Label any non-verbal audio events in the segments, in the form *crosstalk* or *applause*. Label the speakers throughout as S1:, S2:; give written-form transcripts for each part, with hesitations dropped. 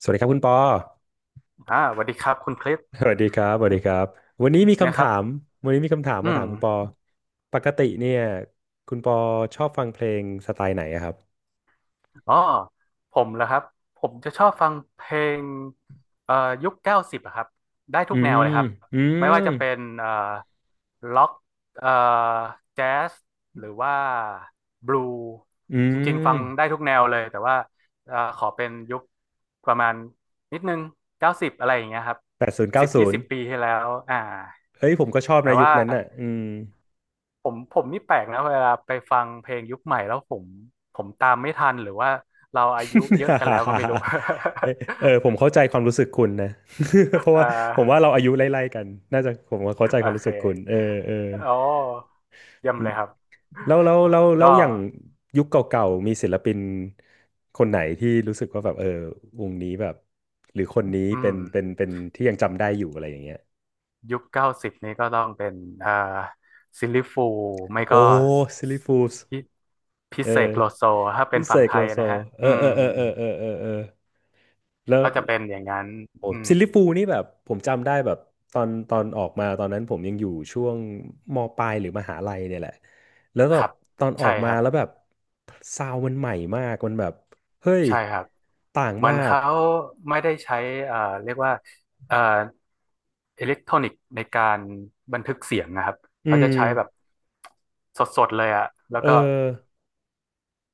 S1: สวัสดีครับคุณปอ
S2: อ่าสวัสดีครับคุณคริส
S1: สวัสดีครับสวัสดีครับ วันนี้มี
S2: นะ
S1: คำ
S2: ครั
S1: ถา
S2: บ
S1: ม วันนี้มีคำถาม
S2: อื
S1: มา
S2: ม
S1: ถามคุณปอปกติเนี่ยคุณปอชอบฟังเพลงสไตล์ไหนอะครับ
S2: อ๋อผมเหรอครับผมจะชอบฟังเพลงเอ่อยุคเก้าสิบอะครับได้ทุ
S1: อื
S2: กแนว
S1: ม
S2: เลยครับ
S1: อื
S2: ไม่
S1: ม
S2: ว่าจะเป็นล็อกเอ่อแจ๊สหรือว่าบลู
S1: อื
S2: จริงๆฟั
S1: ม
S2: งได้ทุกแนวเลยแต่ว่าขอเป็นยุคประมาณนิดนึงเก้าสิบอะไรอย่างเงี้ยครับ
S1: แปดศูนย์เก้า
S2: สิบ
S1: ศู
S2: ยี่
S1: น
S2: สิ
S1: ย์
S2: บปีที่แล้วอ่า
S1: เฮ้ยผมก็ชอบ
S2: แต่
S1: นะยุค
S2: ว่า
S1: นั้นน่ะ อืม
S2: ผมนี่แปลกนะเวลาไปฟังเพลงยุคใหม่แล้วผมตามไม่ทันหรือว่าเราอายุเยอะกันแล้วก็ไม่รู้ *laughs*
S1: *laughs* เอ้ยเออผมเข้าใจความรู้สึกคุณนะ *laughs* เพราะ
S2: เอ่อ
S1: ว่าผมว่าเราอายุไล่ๆกัน น่าจะผมว่าเข้าใจ
S2: โอ
S1: ความรู้
S2: เค
S1: สึกคุณเออเออ
S2: โอ้เยี่ยม
S1: อื
S2: เล
S1: ม
S2: ยครับ
S1: แล้ว
S2: ก็
S1: อย่างยุคเก่าๆมีศิลปินคนไหนที่รู้สึกว่าแบบเออวงนี้แบบหรือคนนี้
S2: อื
S1: เป็
S2: ม
S1: นเป็นเป็นที่ยังจำได้อยู่อะไรอย่างเงี้ย
S2: ยุคเก้าสิบนี้ก็ต้องเป็นเอ่อซิลลี่ฟูลส์ไม่ก็
S1: โอ้ซิลลี่ฟูลส์
S2: พิพิ
S1: เออ
S2: เศษโลโซถ้าเป็น
S1: วิเศ
S2: ฝั่ง
S1: ษ
S2: ไท
S1: โล
S2: ย
S1: โซ
S2: นะฮะ
S1: เออเออเออเออเออเออเออแล้ว
S2: ก็จะเป็นอย่างนั้น
S1: โอ้
S2: อืม
S1: ซิลลิฟูลนี่แบบผมจำได้แบบตอนออกมาตอนนั้นผมยังอยู่ช่วงมปลายหรือมหาลัยเนี่ยแหละแล้วแบ
S2: ค
S1: บ
S2: รับ
S1: ตอนออ
S2: ใช่
S1: ก
S2: ค
S1: มา
S2: รับ
S1: แล้วแบบซาวด์มันใหม่มากมันแบบเฮ้ย
S2: ใช่ครับ
S1: ต่าง
S2: เหมือ
S1: มา
S2: น
S1: ก
S2: เขาไม่ได้ใช้เรียกว่าเอ่ออิเล็กทรอนิกส์ในการบันทึกเสียงนะครับ
S1: อื
S2: เขาจะ
S1: ม
S2: ใช้แบบสดๆเลยอะแล้ว
S1: เอ
S2: ก็
S1: อ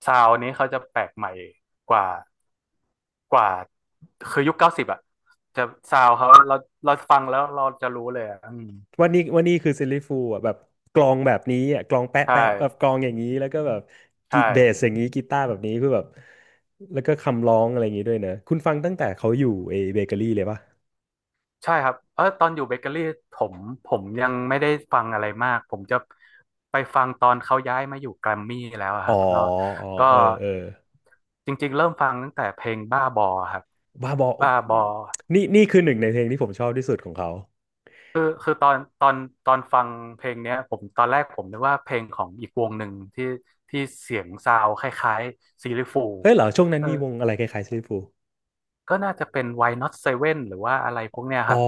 S2: ซาวนี้เขาจะแปลกใหม่กว่ากว่าคือยุคเก้าสิบอะจะซาวเขาเราฟังแล้วเราจะรู้เลยอะอืม
S1: วันนี้วันนี้คือซิลลิฟูลอ่ะแบบกลองแบบนี้อ่ะกลองแปะ
S2: ใช่
S1: แปะแบบกลองอย่างนี้แล้วก็แบบ
S2: ใช่
S1: กีเบสอย่างนี้กีตาร์แบบนี้คือแบบแล้วก็คำร้องอะไรอย่างนี้ด้วยเนอะคุณฟังตั้งแต่เขาอยู่เอเบเกอรี่เลยปะ
S2: ใช่ครับเออตอนอยู่เบเกอรี่ผมผมยังไม่ได้ฟังอะไรมาก ผมจะไปฟังตอนเขาย้ายมาอยู่แกรมมี่แล้วอะ
S1: อ๋
S2: ค
S1: อ
S2: รับก็
S1: อ๋อ
S2: ก็
S1: เออเออ
S2: จริงๆเริ่มฟังตั้งแต่เพลงบ้าบอครับ
S1: บ้าบอ
S2: บ้าบอ
S1: นี่นี่คือหนึ่งในเพลงที่ผมชอบที่สุดของเขา
S2: คือตอนฟังเพลงเนี้ยผมตอนแรกผมนึกว่าเพลงของอีกวงหนึ่งที่เสียงซาวด์คล้ายๆซีลิฟู
S1: เฮ้ยเหรอช่วงนั้นมีวงอะไรคล้ายๆซิลฟู
S2: ก็น่าจะเป็น Why Not Seven หรือว่าอะไรพวกเนี้ย
S1: อ๋อ
S2: ครับ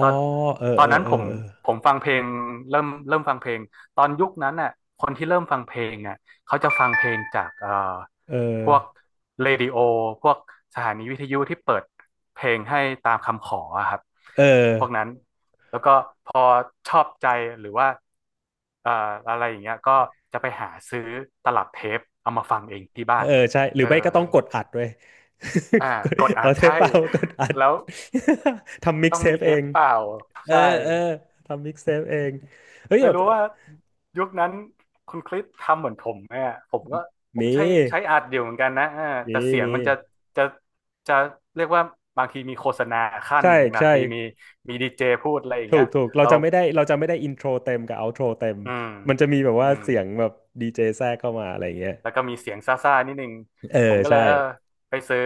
S2: ตอน
S1: เออ
S2: ตอ
S1: เอ
S2: น
S1: อ
S2: นั้น
S1: เอ
S2: ผ
S1: อ
S2: มผมฟังเพลงเริ่มฟังเพลงตอนยุคนั้นน่ะคนที่เริ่มฟังเพลงอ่ะเขาจะฟังเพลงจาก
S1: เอ
S2: พวก
S1: อ
S2: เรดิโอพวกสถานีวิทยุที่เปิดเพลงให้ตามคำขออะครับ
S1: เออเออ
S2: พวกนั้นแล้วก็พอชอบใจหรือว่าเอ่ออะไรอย่างเงี้ยก็จะไปหาซื้อตลับเทปเอามาฟังเองที่บ้า
S1: เอ
S2: น
S1: อใช่หรื
S2: เอ
S1: อ
S2: อ
S1: ไม่ก็ต้องกดอัดเว้ย
S2: อ่า
S1: *laughs* กด
S2: กดอั
S1: เอา
S2: ด
S1: เทป
S2: ใช่
S1: เปล่ากดอัด
S2: แล้ว
S1: *laughs* ทำมิก
S2: ต้อ
S1: ซ์
S2: ง
S1: เท
S2: มี
S1: ป
S2: เท
S1: เอ
S2: ป
S1: ง
S2: เปล่า
S1: เอ
S2: ใช่
S1: อเออทำมิกซ์เทปเองเฮ้ย
S2: ไม่
S1: แบบ
S2: รู้ว่ายุคนั้นคุณคริสทำเหมือนผมไหมอ่ะผม
S1: มี
S2: ใช้อัดเดียวเหมือนกันนะอ่าแต่
S1: มี
S2: เสียง
S1: มี
S2: มันจะจะเรียกว่าบางทีมีโฆษณาขั้น
S1: ใช่
S2: บาง
S1: ใช่
S2: ทีมีดีเจพูดอะไรอย่าง
S1: ถู
S2: เงี้
S1: ก
S2: ย
S1: ถูกเรา
S2: เรา
S1: จะไม่ได้เราจะไม่ได้อินโทรเต็มกับเอาโทรเต็ม
S2: อืม
S1: มันจะมีแบบ
S2: อื
S1: ว่า
S2: ม
S1: เสียงแบบดีเจแทรกเข้ามาอะไรอย่างเงี้ย
S2: แล้วก็มีเสียงซ่าๆนิดนึง
S1: เออ
S2: ผมก็เล
S1: ใช่
S2: ยเออไปซื้อ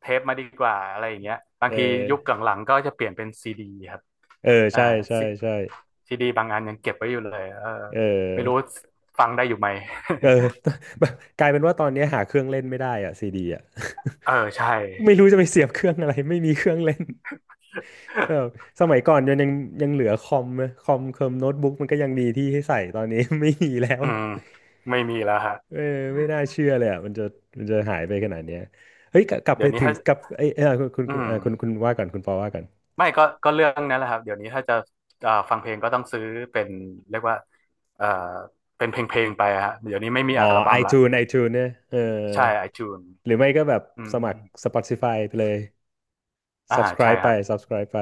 S2: เทปมาดีกว่าอะไรอย่างเงี้ยบาง
S1: เออ
S2: ทียุคหลังๆก็จะเปลี่ยนเป็นซีดีครับ
S1: เออ
S2: อ่า
S1: ใช่ใช่
S2: ซี
S1: ใช่
S2: ซีดีบางอันยังเก็บไว้อยู่เลยเออ
S1: เอ
S2: ไม่รู้
S1: อ
S2: ฟังได้อยู่ไหม
S1: เออ
S2: *laughs*
S1: *laughs* กลายเป็นว่าตอนนี้หาเครื่องเล่นไม่ได้อะซีดีอะ
S2: เออใช่
S1: *laughs* ไม่รู้จะไปเสียบเครื่องอะไรไม่มีเครื่องเล่น *laughs* เออสมัยก่อนยังเหลือคอมนะคอมเคอมโน้ตบุ๊กมันก็ยังมีที่ให้ใส่ตอนนี้ *laughs* ไม่มีแล้ว
S2: อืม
S1: *laughs*
S2: ไม่มีแล้วฮะ
S1: เออไม่น่าเชื่อเลยอ่ะมันจะหายไปขนาดเนี้ยเฮ้ยกลับ
S2: เดี๋
S1: ไป
S2: ยวนี้
S1: ถึง
S2: ถ้า
S1: กลับไอ้ยเออคุณ
S2: อื
S1: คุณเอ
S2: ม
S1: อคุณคุณว่าก่อนคุณปอว่าก่อน
S2: ไม่ก็เรื่องนั้นแหละครับเดี๋ยวนี้ถ้าจะฟังเพลงก็ต้องซื้อเป็นเรียกว่าเอ่อเป็นเพลงเพลงไปฮะเดี๋ยวนี้ไม่มี
S1: อ๋
S2: อั
S1: อ
S2: ลบั้มละ
S1: iTunes iTunes เนี่ยเออ
S2: ใช่ไอจูน
S1: หรือไม่ก็แบบ
S2: อื
S1: สมัคร
S2: ม
S1: Spotify ไปเลย
S2: อ่าใช่
S1: subscribe
S2: ค
S1: ไป
S2: รับ
S1: subscribe ไป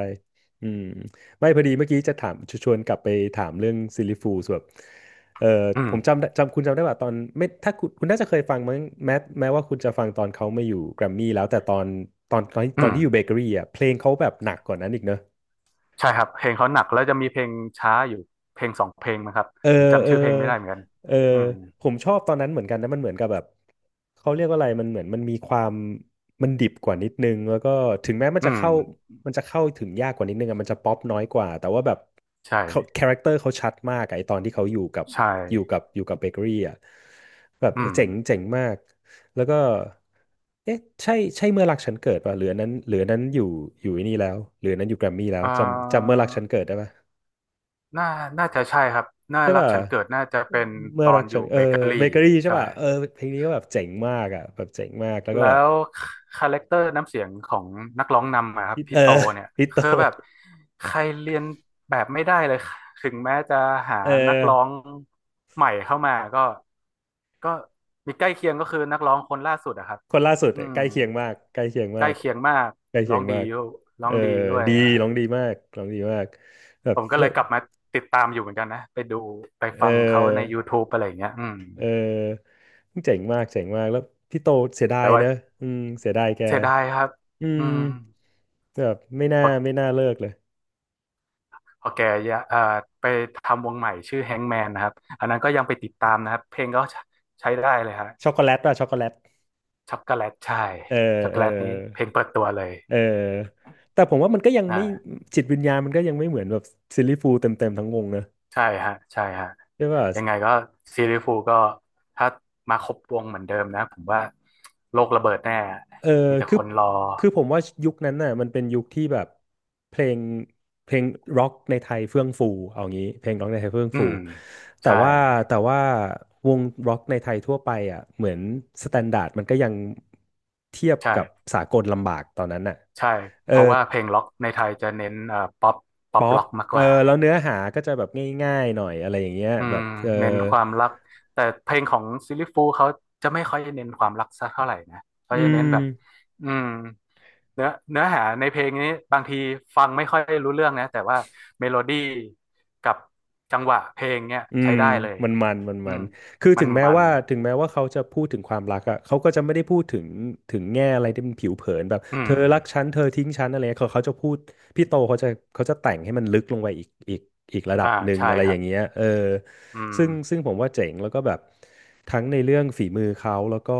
S1: อืมไม่พอดีเมื่อกี้จะถามชชวนกลับไปถามเรื่องซิลลิฟูสแบบเออ
S2: อื
S1: ผ
S2: ม
S1: มจำได้จำคุณจำได้ว่าตอนไม่ถ้าคุณน่าจะเคยฟังมั้งแม้ว่าคุณจะฟังตอนเขาไม่อยู่แกรมมี่แล้วแต่ตอน
S2: อืม
S1: ที่อยู่เบเกอรี่อ่ะเพลงเขาแบบหนักกว่านั้นอีกเนอะ
S2: ใช่ครับเพลงเขาหนักแล้วจะมีเพลงช้าอยู่เพลงสองเพลงมั้งครับ
S1: เออ
S2: ผมจำ
S1: เออ
S2: ชื่อเพลงไม่ได้เหมือนกัน
S1: เออ
S2: อืม
S1: ผมชอบตอนนั้นเหมือนกันนะมันเหมือนกับแบบเขาเรียกว่าอะไรมันเหมือนมันมีความมันดิบกว่านิดนึงแล้วก็ถึงแม้
S2: อืม
S1: มันจะเข้าถึงยากกว่านิดนึงอะมันจะป๊อปน้อยกว่าแต่ว่าแบบ
S2: ใช่
S1: เขาคาแรคเตอร์เขาชัดมากอะไอตอนที่เขา
S2: ใช่
S1: อยู่กับเบเกอรี่อะแบบ
S2: อืม
S1: เจ๋งเจ๋งมากแล้วก็เอ๊ะใช่ใช่เมื่อรักฉันเกิดป่ะหรืออันนั้นหรืออันนั้นอยู่ไอ้นี่แล้วหรืออันนั้นอยู่แกรมมี่แล้ว
S2: อ่
S1: จำเมื่อ
S2: า
S1: รักฉันเกิดได้ป่ะ
S2: น่าน่าจะใช่ครับน่า
S1: ใช่
S2: รัก
S1: ป่ะ
S2: ฉันเกิดน่าจะเป็น
S1: เมื่
S2: ต
S1: อ
S2: อ
S1: รั
S2: น
S1: ก
S2: อ
S1: ฉั
S2: ยู่
S1: นเอ
S2: เบ
S1: อ
S2: เกอรี่
S1: เบเกอรี่ใช่
S2: ใช่
S1: ป่ะเออเพลงนี้ก็แบบเจ๋งมากอ่ะแบบเจ๋งมากแล้วก็
S2: แล้
S1: แบบ
S2: วคาแรคเตอร์น้ำเสียงของนักร้องนำอะครับ
S1: ฮิตเอ
S2: พี่
S1: อ
S2: โตเนี่ย
S1: *laughs* ฮิตโต
S2: คือแบบใครเรียนแบบไม่ได้เลยถึงแม้จะหา
S1: เออ
S2: นักร้องใหม่เข้ามาก็มีใกล้เคียงก็คือนักร้องคนล่าสุดอะครับ
S1: คนล่าสุด
S2: อื
S1: อะใก
S2: ม
S1: ล้เคียงมากใกล้เคียง
S2: ใก
S1: มา
S2: ล้
S1: ก
S2: เคียงมาก
S1: ใกล้เคี
S2: ร้อ
S1: ย
S2: ง
S1: งมา
S2: ดี
S1: ก
S2: ร้
S1: เอ
S2: อ
S1: อ
S2: งดีด้วย
S1: ดี
S2: อะ
S1: ร้องดีมากร้องดีมากแบบ
S2: ผมก็
S1: แล้
S2: เล
S1: ว
S2: ยกลับมาติดตามอยู่เหมือนกันนะไปดูไป
S1: เอ
S2: ฟังเขาใน
S1: อ
S2: YouTube อะไรอย่างเงี้ยอืม
S1: เออเจ๋งมากเจ๋งมากแล้วพี่โตเสียดา
S2: แป
S1: ย
S2: ลว่า
S1: นะอืมเสียดายแก
S2: เสียดายครับ
S1: อื
S2: อื
S1: ม
S2: ม
S1: แบบไม่
S2: พ
S1: น่า
S2: อ
S1: ไม่น่าเลิกเลย
S2: พอแกอย่าไปทำวงใหม่ชื่อแฮงแมนนะครับอันนั้นก็ยังไปติดตามนะครับเพลงก็ใช้ได้เลยฮะ
S1: ช็อกโกแลตป่ะช็อกโกแลต
S2: ช็อกโกแลตใช่
S1: เออ
S2: ช็อกโก
S1: เออ
S2: แลตนี้เพลงเปิดตัวเลย
S1: เออแต่ผมว่ามันก็ยังไม่
S2: อ่า
S1: จิตวิญญาณมันก็ยังไม่เหมือนแบบซิลลี่ฟูลเต็มเต็มทั้งวงนะ
S2: ใช่ฮะใช่ฮะ
S1: ใช่ป่ะ
S2: ยังไงก็ซีรีส์ฟูลก็ถ้ามาครบวงเหมือนเดิมนะผมว่าโลกระเบิดแน่
S1: เออ
S2: มีแต่
S1: คื
S2: ค
S1: อ
S2: นรอ
S1: คือผมว่ายุคนั้นน่ะมันเป็นยุคที่แบบเพลงเพลงร็อกในไทยเฟื่องฟูเอางี้เพลงร็อกในไทยเฟื่อง
S2: อื
S1: ฟู
S2: ม
S1: แต่
S2: ใช่
S1: ว่าแต่ว่าวงร็อกในไทยทั่วไปอ่ะเหมือนสแตนดาร์ดมันก็ยังเทียบกับ
S2: ใช่
S1: สากลลำบากตอนนั้นน่ะ
S2: ใช่ เพ
S1: เอ
S2: ราะ
S1: อ
S2: ว่าเพลงล็อกในไทยจะเน้นป๊อปป๊อป
S1: ป๊อ
S2: ล็
S1: ป
S2: อกมาก
S1: เอ
S2: ก
S1: อ
S2: ว่า
S1: แล้วเนื้อหาก็จะแบบง่ายๆหน่อยอะไรอย่างเงี้ย
S2: อื
S1: แบ
S2: ม
S1: บเออ
S2: เน้นความรักแต่เพลงของซิลลี่ฟูลเขาจะไม่ค่อยเน้นความรักสักเท่าไหร่นะเขา
S1: อื
S2: จะเน้นแบบ
S1: ม
S2: อืมเนื้อหาในเพลงนี้บางทีฟังไม่ค่อยรู้เรื่องนะแต่ว่าเมโลดี้กับจังหวะเพลงเนี่ย
S1: อื
S2: ใช้
S1: ม
S2: ได้เลย
S1: มันมันมัน
S2: อื
S1: มั
S2: ม
S1: นคือ
S2: มั
S1: ถึ
S2: น
S1: งแม้
S2: มัน
S1: ว่าถึงแม้ว่าเขาจะพูดถึงความรักอ่ะเขาก็จะไม่ได้พูดถึงถึงแง่อะไรที่มันผิวเผินแบบ
S2: อื
S1: เธ
S2: ม
S1: อรักฉันเธอทิ้งฉันอะไรเงี้ยเขาจะพูดพี่โตเขาจะเขาจะแต่งให้มันลึกลงไปอีกระดับ
S2: อ่า
S1: หนึ่ง
S2: ใช่
S1: อะไร
S2: ค
S1: อ
S2: รั
S1: ย่า
S2: บ
S1: งเงี้ยเออ
S2: อืม
S1: ซึ่งผมว่าเจ๋งแล้วก็แบบทั้งในเรื่องฝีมือเขาแล้วก็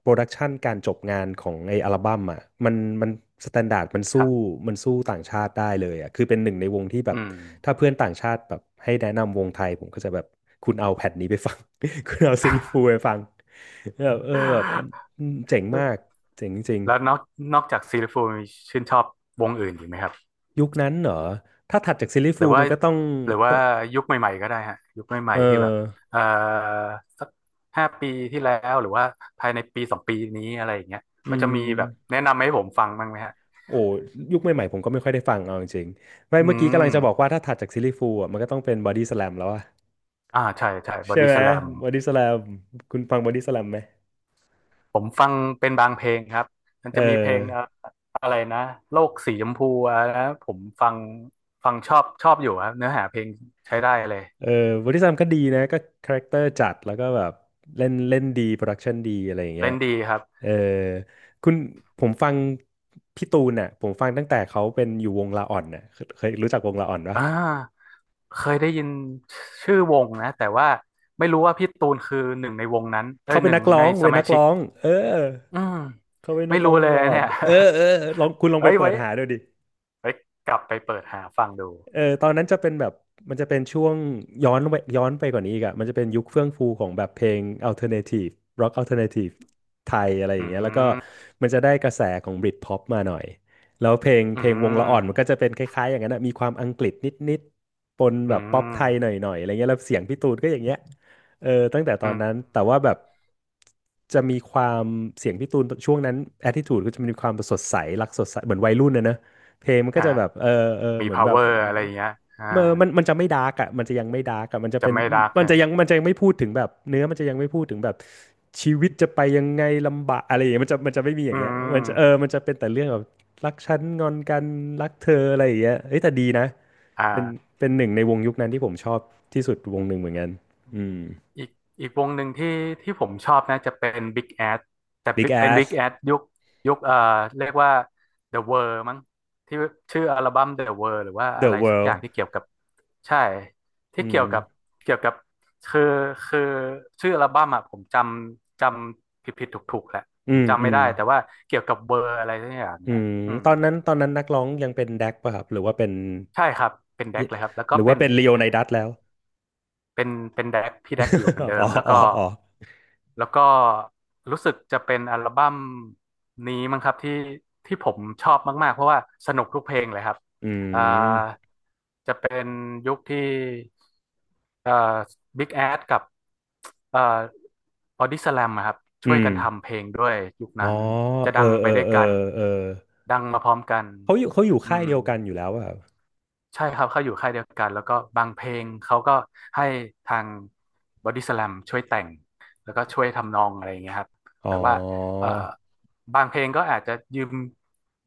S1: โปรดักชันการจบงานของไออัลบั้มอ่ะมันมันสแตนดาร์ดมัน
S2: ค
S1: สู้
S2: รับ
S1: มันสู้ต่างชาติได้เลยอ่ะคือเป็นหนึ่งในวงที่แบ
S2: อื
S1: บ
S2: ม
S1: ถ้าเพื่อนต่างชาติแบบให้แนะนำวงไทยผมก็จะแบบคุณเอาแผ่นนี้ไปฟัง *laughs* คุณเอาซิลลิฟูลไปฟังแบบเออแบบเจ๋งมา
S2: *laughs*
S1: กเจ๋งจริง
S2: แล้วนอกจากซีรีฟูลมีชื่นชอบวงอื่นอีกไหมครับ
S1: ๆยุคนั้นเหรอถ้าถัดจากซิลลิ
S2: ห
S1: ฟู
S2: รือ
S1: ล
S2: ว่า
S1: มันก็ต้อง
S2: หรือว่า
S1: ต้อง
S2: ยุคใหม่ๆก็ได้ฮะยุคให
S1: เอ
S2: ม่
S1: อ
S2: ๆที่แบบเอ่อสัก5 ปีที่แล้วหรือว่าภายใน1-2 ปีนี้อะไรอย่างเงี้ย
S1: อื
S2: ก็จะมีแบบ
S1: ม
S2: แนะนำให้ผมฟังบ้างไหมฮะ
S1: โอ้ยุคใหม่ๆผมก็ไม่ค่อยได้ฟังเอาจริงๆไม่
S2: อื
S1: เมื่อกี้กำลังจะบอก
S2: ม
S1: ว่าถ้าถัดจากซิลลี่ฟูลอ่ะมันก็ต้องเป็นบอดี้สแลมแล้วอะ
S2: อ่าใช่ใช่บอ
S1: ใช่
S2: ดี้
S1: ไหม
S2: สแลม
S1: บอดี้สแลมคุณฟังบอดี้สแลมไหม
S2: ผมฟังเป็นบางเพลงครับมัน
S1: เอ
S2: จะมีเพล
S1: อ
S2: งอะไรนะโลกสีชมพูอ่ะนะผมฟังชอบชอบอยู่ครับเนื้อหาเพลงใช้ได้เลย
S1: เออบริษัทก็ดีนะก็คาแรคเตอร์จัดแล้วก็แบบเล่นเล่นดีโปรดักชันดีอะไรอย่างเงี้
S2: เล่
S1: ย
S2: นดีครับ
S1: เออคุณผมฟังพี่ตูนน่ะผมฟังตั้งแต่เขาเป็นอยู่วงลาอ่อนน่ะเคยรู้จักวงลาอ่อนปะ
S2: อ่าเคยได้ยินชื่อวงนะแต่ว่าไม่รู้ว่าพี่ตูนคือหนึ่งในวงนั้นเอ้
S1: เขา
S2: ย
S1: เป็
S2: ห
S1: น
S2: นึ่ง
S1: นักร้
S2: ใน
S1: อง
S2: ส
S1: เป็น
S2: มา
S1: นัก
S2: ชิก
S1: ร้องเออ
S2: อืม
S1: เขาเป็นนั
S2: ไม่
S1: กร้อ
S2: รู้
S1: งว
S2: เล
S1: ง
S2: ย
S1: ลา
S2: นะ
S1: อ่อ
S2: เนี่
S1: น
S2: ย
S1: เออเออลองคุณล
S2: *laughs*
S1: อง
S2: เอ้
S1: ไป
S2: ย
S1: เปิ
S2: ไว้
S1: ดหาดูดิ
S2: ไว้กลับไปเปิดหาฟังดู
S1: เออตอนนั้นจะเป็นแบบมันจะเป็นช่วงย้อนไปกว่านี้อีกอะมันจะเป็นยุคเฟื่องฟูของแบบเพลงอัลเทอร์เนทีฟร็อกอัลเทอร์เนทีฟไทยอะไรอย่า
S2: อื
S1: งเงี้ยแล้วก็
S2: ม
S1: มันจะได้กระแสของบริ t พ็อปมาหน่อยแล้วเพลง
S2: อื
S1: เพลงวงละอ่อ
S2: ม
S1: นมันก็จะเป็นคล้ายๆอย่างนั้นอะมีความอังกฤษนิดๆปน
S2: อื
S1: แบบป๊อปไทยหน่
S2: ม
S1: อยๆอะไรเงี้ยแล้วเสียงพี่ตูนก็อย่างเงี้ยเออตั้งแต่ตอ
S2: อื
S1: น
S2: ม
S1: นั้นแต่ว่าแบบจะมีความเสียงพี่ตูนช่วงนั้นแอ t i ิ u ูดก็จะมีความสดใสรักสดใสเหมือนวัยรุ่นนะนะเพลงมันก็
S2: อ่า
S1: จะแบบเออเออ
S2: มี
S1: เหมือนแบบ
S2: power อะไรอย่างเงี้ยอ่า
S1: เมื่อมันจะไม่ดาร์กอ่ะมันจะยังไม่ดาร์กอ่ะมันจะ
S2: จะ
S1: เป็น
S2: ไม่รัก
S1: มัน
S2: นะ
S1: จะยังมันจะยังไม่พูดถึงแบบเนื้อมันจะยังไม่พูดถึงแบบชีวิตจะไปยังไงลำบากอะไรอย่างเงี้ยมันจะไม่มีอ
S2: อื
S1: ย่างเงี้ยมันจะเออ
S2: ม
S1: มันจะเป็นแต่เรื่องแบบรักฉันงอนกันรักเธออะไรอย่างเงี้ยเอ้ยแต่ดีนะ
S2: อ
S1: เป็น
S2: ่า
S1: เป็นหนึ่งในวงยุคนั้นที่ผมชอบที่สุดวงหนึ่งเหมือนกันอืม
S2: อีกอีกวงหนึ่งที่ผมชอบนะจะเป็น Big Ass แต่
S1: Big
S2: เป็น Big
S1: Ass
S2: Ass ยุคเรียกว่า The World มั้งที่ชื่ออัลบั้ม The World หรือว่าอะ
S1: The
S2: ไรสักอย่าง
S1: World
S2: ที่เกี่ยวกับใช่ที่
S1: อื
S2: เกี่ยวกับ
S1: ม
S2: เกี่ยวกับคือคือชื่ออัลบั้มอ่ะผมจำผิดผิดถูกถูกๆแหละ
S1: อื
S2: ผม
S1: ม
S2: จำ
S1: อื
S2: ไม่
S1: ม
S2: ได้แต่ว่าเกี่ยวกับเบอร์อะไรสักอย่าง
S1: อื
S2: เนี่ย
S1: ม
S2: อืม
S1: ตอนนั้นนักร้องยังเป็นแดกป่ะครับหรือว่าเป็น
S2: ใช่ครับเป็นแดกเลยครับแล้ว
S1: ห
S2: ก็
S1: รือว่าเป็นลีโอไนดัสแล้ว
S2: เป็นเป็นแดกพี่แดกอยู่เหมือนเดิ
S1: *laughs* อ๋อ
S2: มแล้ว
S1: อ๋อ
S2: ก็
S1: อ๋อ
S2: แล้วก็รู้สึกจะเป็นอัลบั้มนี้มั้งครับที่ที่ผมชอบมากๆเพราะว่าสนุกทุกเพลงเลยครับ
S1: อื
S2: อ่า
S1: ม
S2: จะเป็นยุคที่เอ่อบิ๊กแอดกับเอ่อบอดี้สแลมครับช่ว
S1: อื
S2: ย
S1: ม
S2: กันทำเพลงด้วยยุค
S1: อ๋
S2: นั้
S1: อ
S2: นจะ
S1: เอ
S2: ดั
S1: อ
S2: ง
S1: เอ
S2: ไป
S1: อ
S2: ด้วย
S1: เออ
S2: กัน
S1: เออ
S2: ดังมาพร้อมกัน
S1: เขาอยู่
S2: อื
S1: ค่าย
S2: ม
S1: เดียวกันอยู่แล้วอะครับ
S2: ใช่ครับเขาอยู่ค่ายเดียวกันแล้วก็บางเพลงเขาก็ให้ทางบอดี้ส a ลมช่วยแต่งแล้วก็ช่วยทำนองอะไรอย่างเงี้ยครับ
S1: อ๋
S2: แต่
S1: อ
S2: ว่าเอ่อบางเพลงก็อาจจะยืม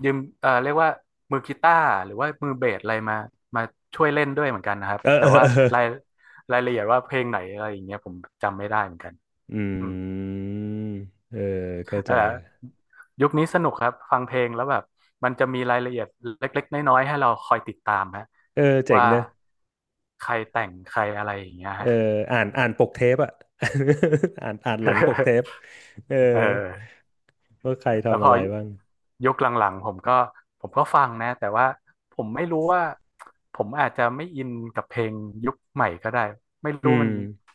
S2: ยืมเรียกว่ามือกีตาร์หรือว่ามือเบสอะไรมาช่วยเล่นด้วยเหมือนกันนะครับ
S1: เออ
S2: แต่
S1: เออ
S2: ว่า
S1: เออ *laughs*
S2: รายรายละเอียดว่าเพลงไหนอะไรอย่างเงี้ยผมจำไม่ได้เหมือนกัน
S1: อื
S2: อืม
S1: มเออเข้า
S2: เอ
S1: ใจ
S2: อยุคนี้สนุกครับฟังเพลงแล้วแบบมันจะมีรายละเอียดเล็กๆน้อยๆให้เราคอยติดตามฮะ
S1: เออเจ๋ง
S2: ว่า
S1: เนอะ
S2: ใครแต่งใครอะไรอย่างเงี้ย
S1: เออ
S2: ฮะ
S1: อ่านปกเทปอะ *laughs* อ่านหลังปกเทป
S2: *laughs*
S1: เออ
S2: เออ
S1: ว่าใคร
S2: แล้ว
S1: ทำ
S2: พ
S1: อะ
S2: อ
S1: ไรบ้าง
S2: ยุคหลังๆผมก็ฟังนะแต่ว่าผมไม่รู้ว่าผมอาจจะไม่อินกับเพลงยุคใหม่ก็ได้ไม่
S1: อื
S2: รู้มั
S1: ม
S2: น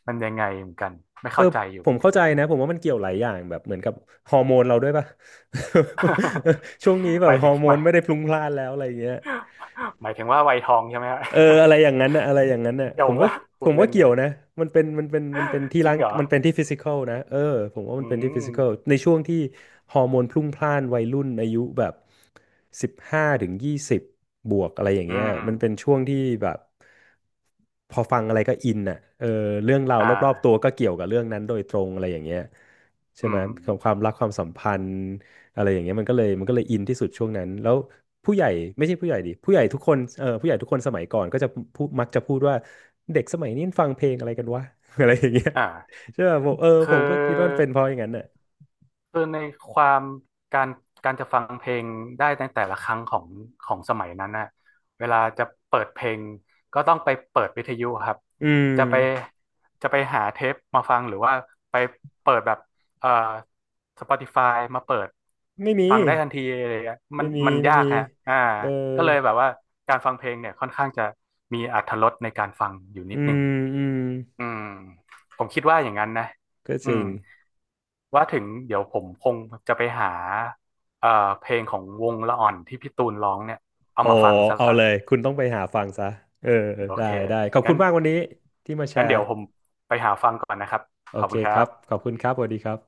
S2: มันยังไงเหมือนกันไม่
S1: เออ
S2: เข้าใจอยู่
S1: ผ
S2: เห
S1: ม
S2: มือนกั
S1: เข้า
S2: น
S1: ใจนะผมว่ามันเกี่ยวหลายอย่างแบบเหมือนกับฮอร์โมนเราด้วยป่ะ *laughs* ช่วงนี้
S2: *laughs*
S1: แบ
S2: ห
S1: บ
S2: มาย
S1: ฮอ
S2: ถึง
S1: ร์โม
S2: ห
S1: น
S2: มาย
S1: ไม่ได้พลุงพล่านแล้วอะไรอย่างเงี้ย
S2: หมายถึงว่าวัยทองใช่ไหมฮะ
S1: เอออะไรอย่างนั้นน่ะอะไรอย่างนั้นน่ะ
S2: *laughs* เดี่
S1: ผ
S2: ยว
S1: มว่า
S2: ว่าพู
S1: ผ
S2: ด
S1: ม
S2: เล่
S1: ว่า
S2: น
S1: เกี่ย
S2: นะ
S1: วนะ
S2: จริงเหรอ
S1: มันเป็นที่ฟิสิกอลนะเออผมว่ามั
S2: อื
S1: นเป็นที่ฟิ
S2: ม
S1: สิกอลในช่วงที่ฮอร์โมนพลุ่งพล่านวัยรุ่นอายุแบบ15-20บวกอะไรอย่าง
S2: อื
S1: เงี้ยมันเป็น
S2: ม
S1: ช่วงที่แบบพอฟังอะไรก็อินน่ะเออเรื่องราว
S2: อ่
S1: รอบๆตัว
S2: า
S1: ก็เกี่ยวกับเรื่องนั้นโดยตรงอะไรอย่างเงี้ยใช่
S2: อื
S1: ไหม
S2: ม
S1: ของความรักความสัมพันธ์ อะไรอย่างเงี้ยมันก็เลยอินที่สุดช่วงนั้นแล้วผู้ใหญ่ไม่ใช่ผู้ใหญ่ดิผู้ใหญ่ทุกคนสมัยก่อนก็จะพูดมักจะพูดว่าเด็กสมัยนี้ฟังเพลงอะไรกันวะ *laughs* อะไรอย่างเงี้ย
S2: อ่า
S1: ใช่ป่ะผมเออ
S2: คื
S1: ผมก็คิดว่ามัน
S2: อ
S1: เป็นเพราะอย่างนั้นน่ะ
S2: คือในความการการจะฟังเพลงได้ในแต่ละครั้งของสมัยนั้นน่ะเวลาจะเปิดเพลงก็ต้องไปเปิดวิทยุครับ
S1: อืม
S2: จะไปจะไปหาเทปมาฟังหรือว่าไปเปิดแบบเอ่อ Spotify มาเปิด
S1: ไม่มี
S2: ฟังได้ทันทีอะไรอย่างเงี้ยมั
S1: ไม่
S2: น
S1: มี
S2: มัน
S1: ไม่
S2: ยาก
S1: มี
S2: ฮะอ่า
S1: เออ
S2: ก็เลยแบบว่าการฟังเพลงเนี่ยค่อนข้างจะมีอรรถรสในการฟังอยู่
S1: อื
S2: นิดหนึ่
S1: ม
S2: ง
S1: อืม
S2: อืมผมคิดว่าอย่างนั้นนะ
S1: ก็
S2: อื
S1: จริ
S2: ม
S1: ง
S2: ว่าถึงเดี๋ยวผมคงจะไปหาเอ่อเพลงของวงละอ่อนที่พี่ตูนร้องเนี่ยเอา
S1: อ๋อ
S2: มาฟังซะ
S1: เอา
S2: ละ
S1: เลยคุณต้องไปหาฟังซะเออ
S2: โอ
S1: ได้
S2: เค
S1: ได้ขอบคุ
S2: งั้
S1: ณ
S2: น
S1: มากวันนี้ที่มาแช
S2: งั้น
S1: ร์
S2: เดี๋ยวผมไปหาฟังก่อนนะครับ
S1: โอ
S2: ขอบ
S1: เค
S2: คุณค
S1: ค
S2: รั
S1: รับ
S2: บ
S1: ขอบคุณครับสวัสดีครับ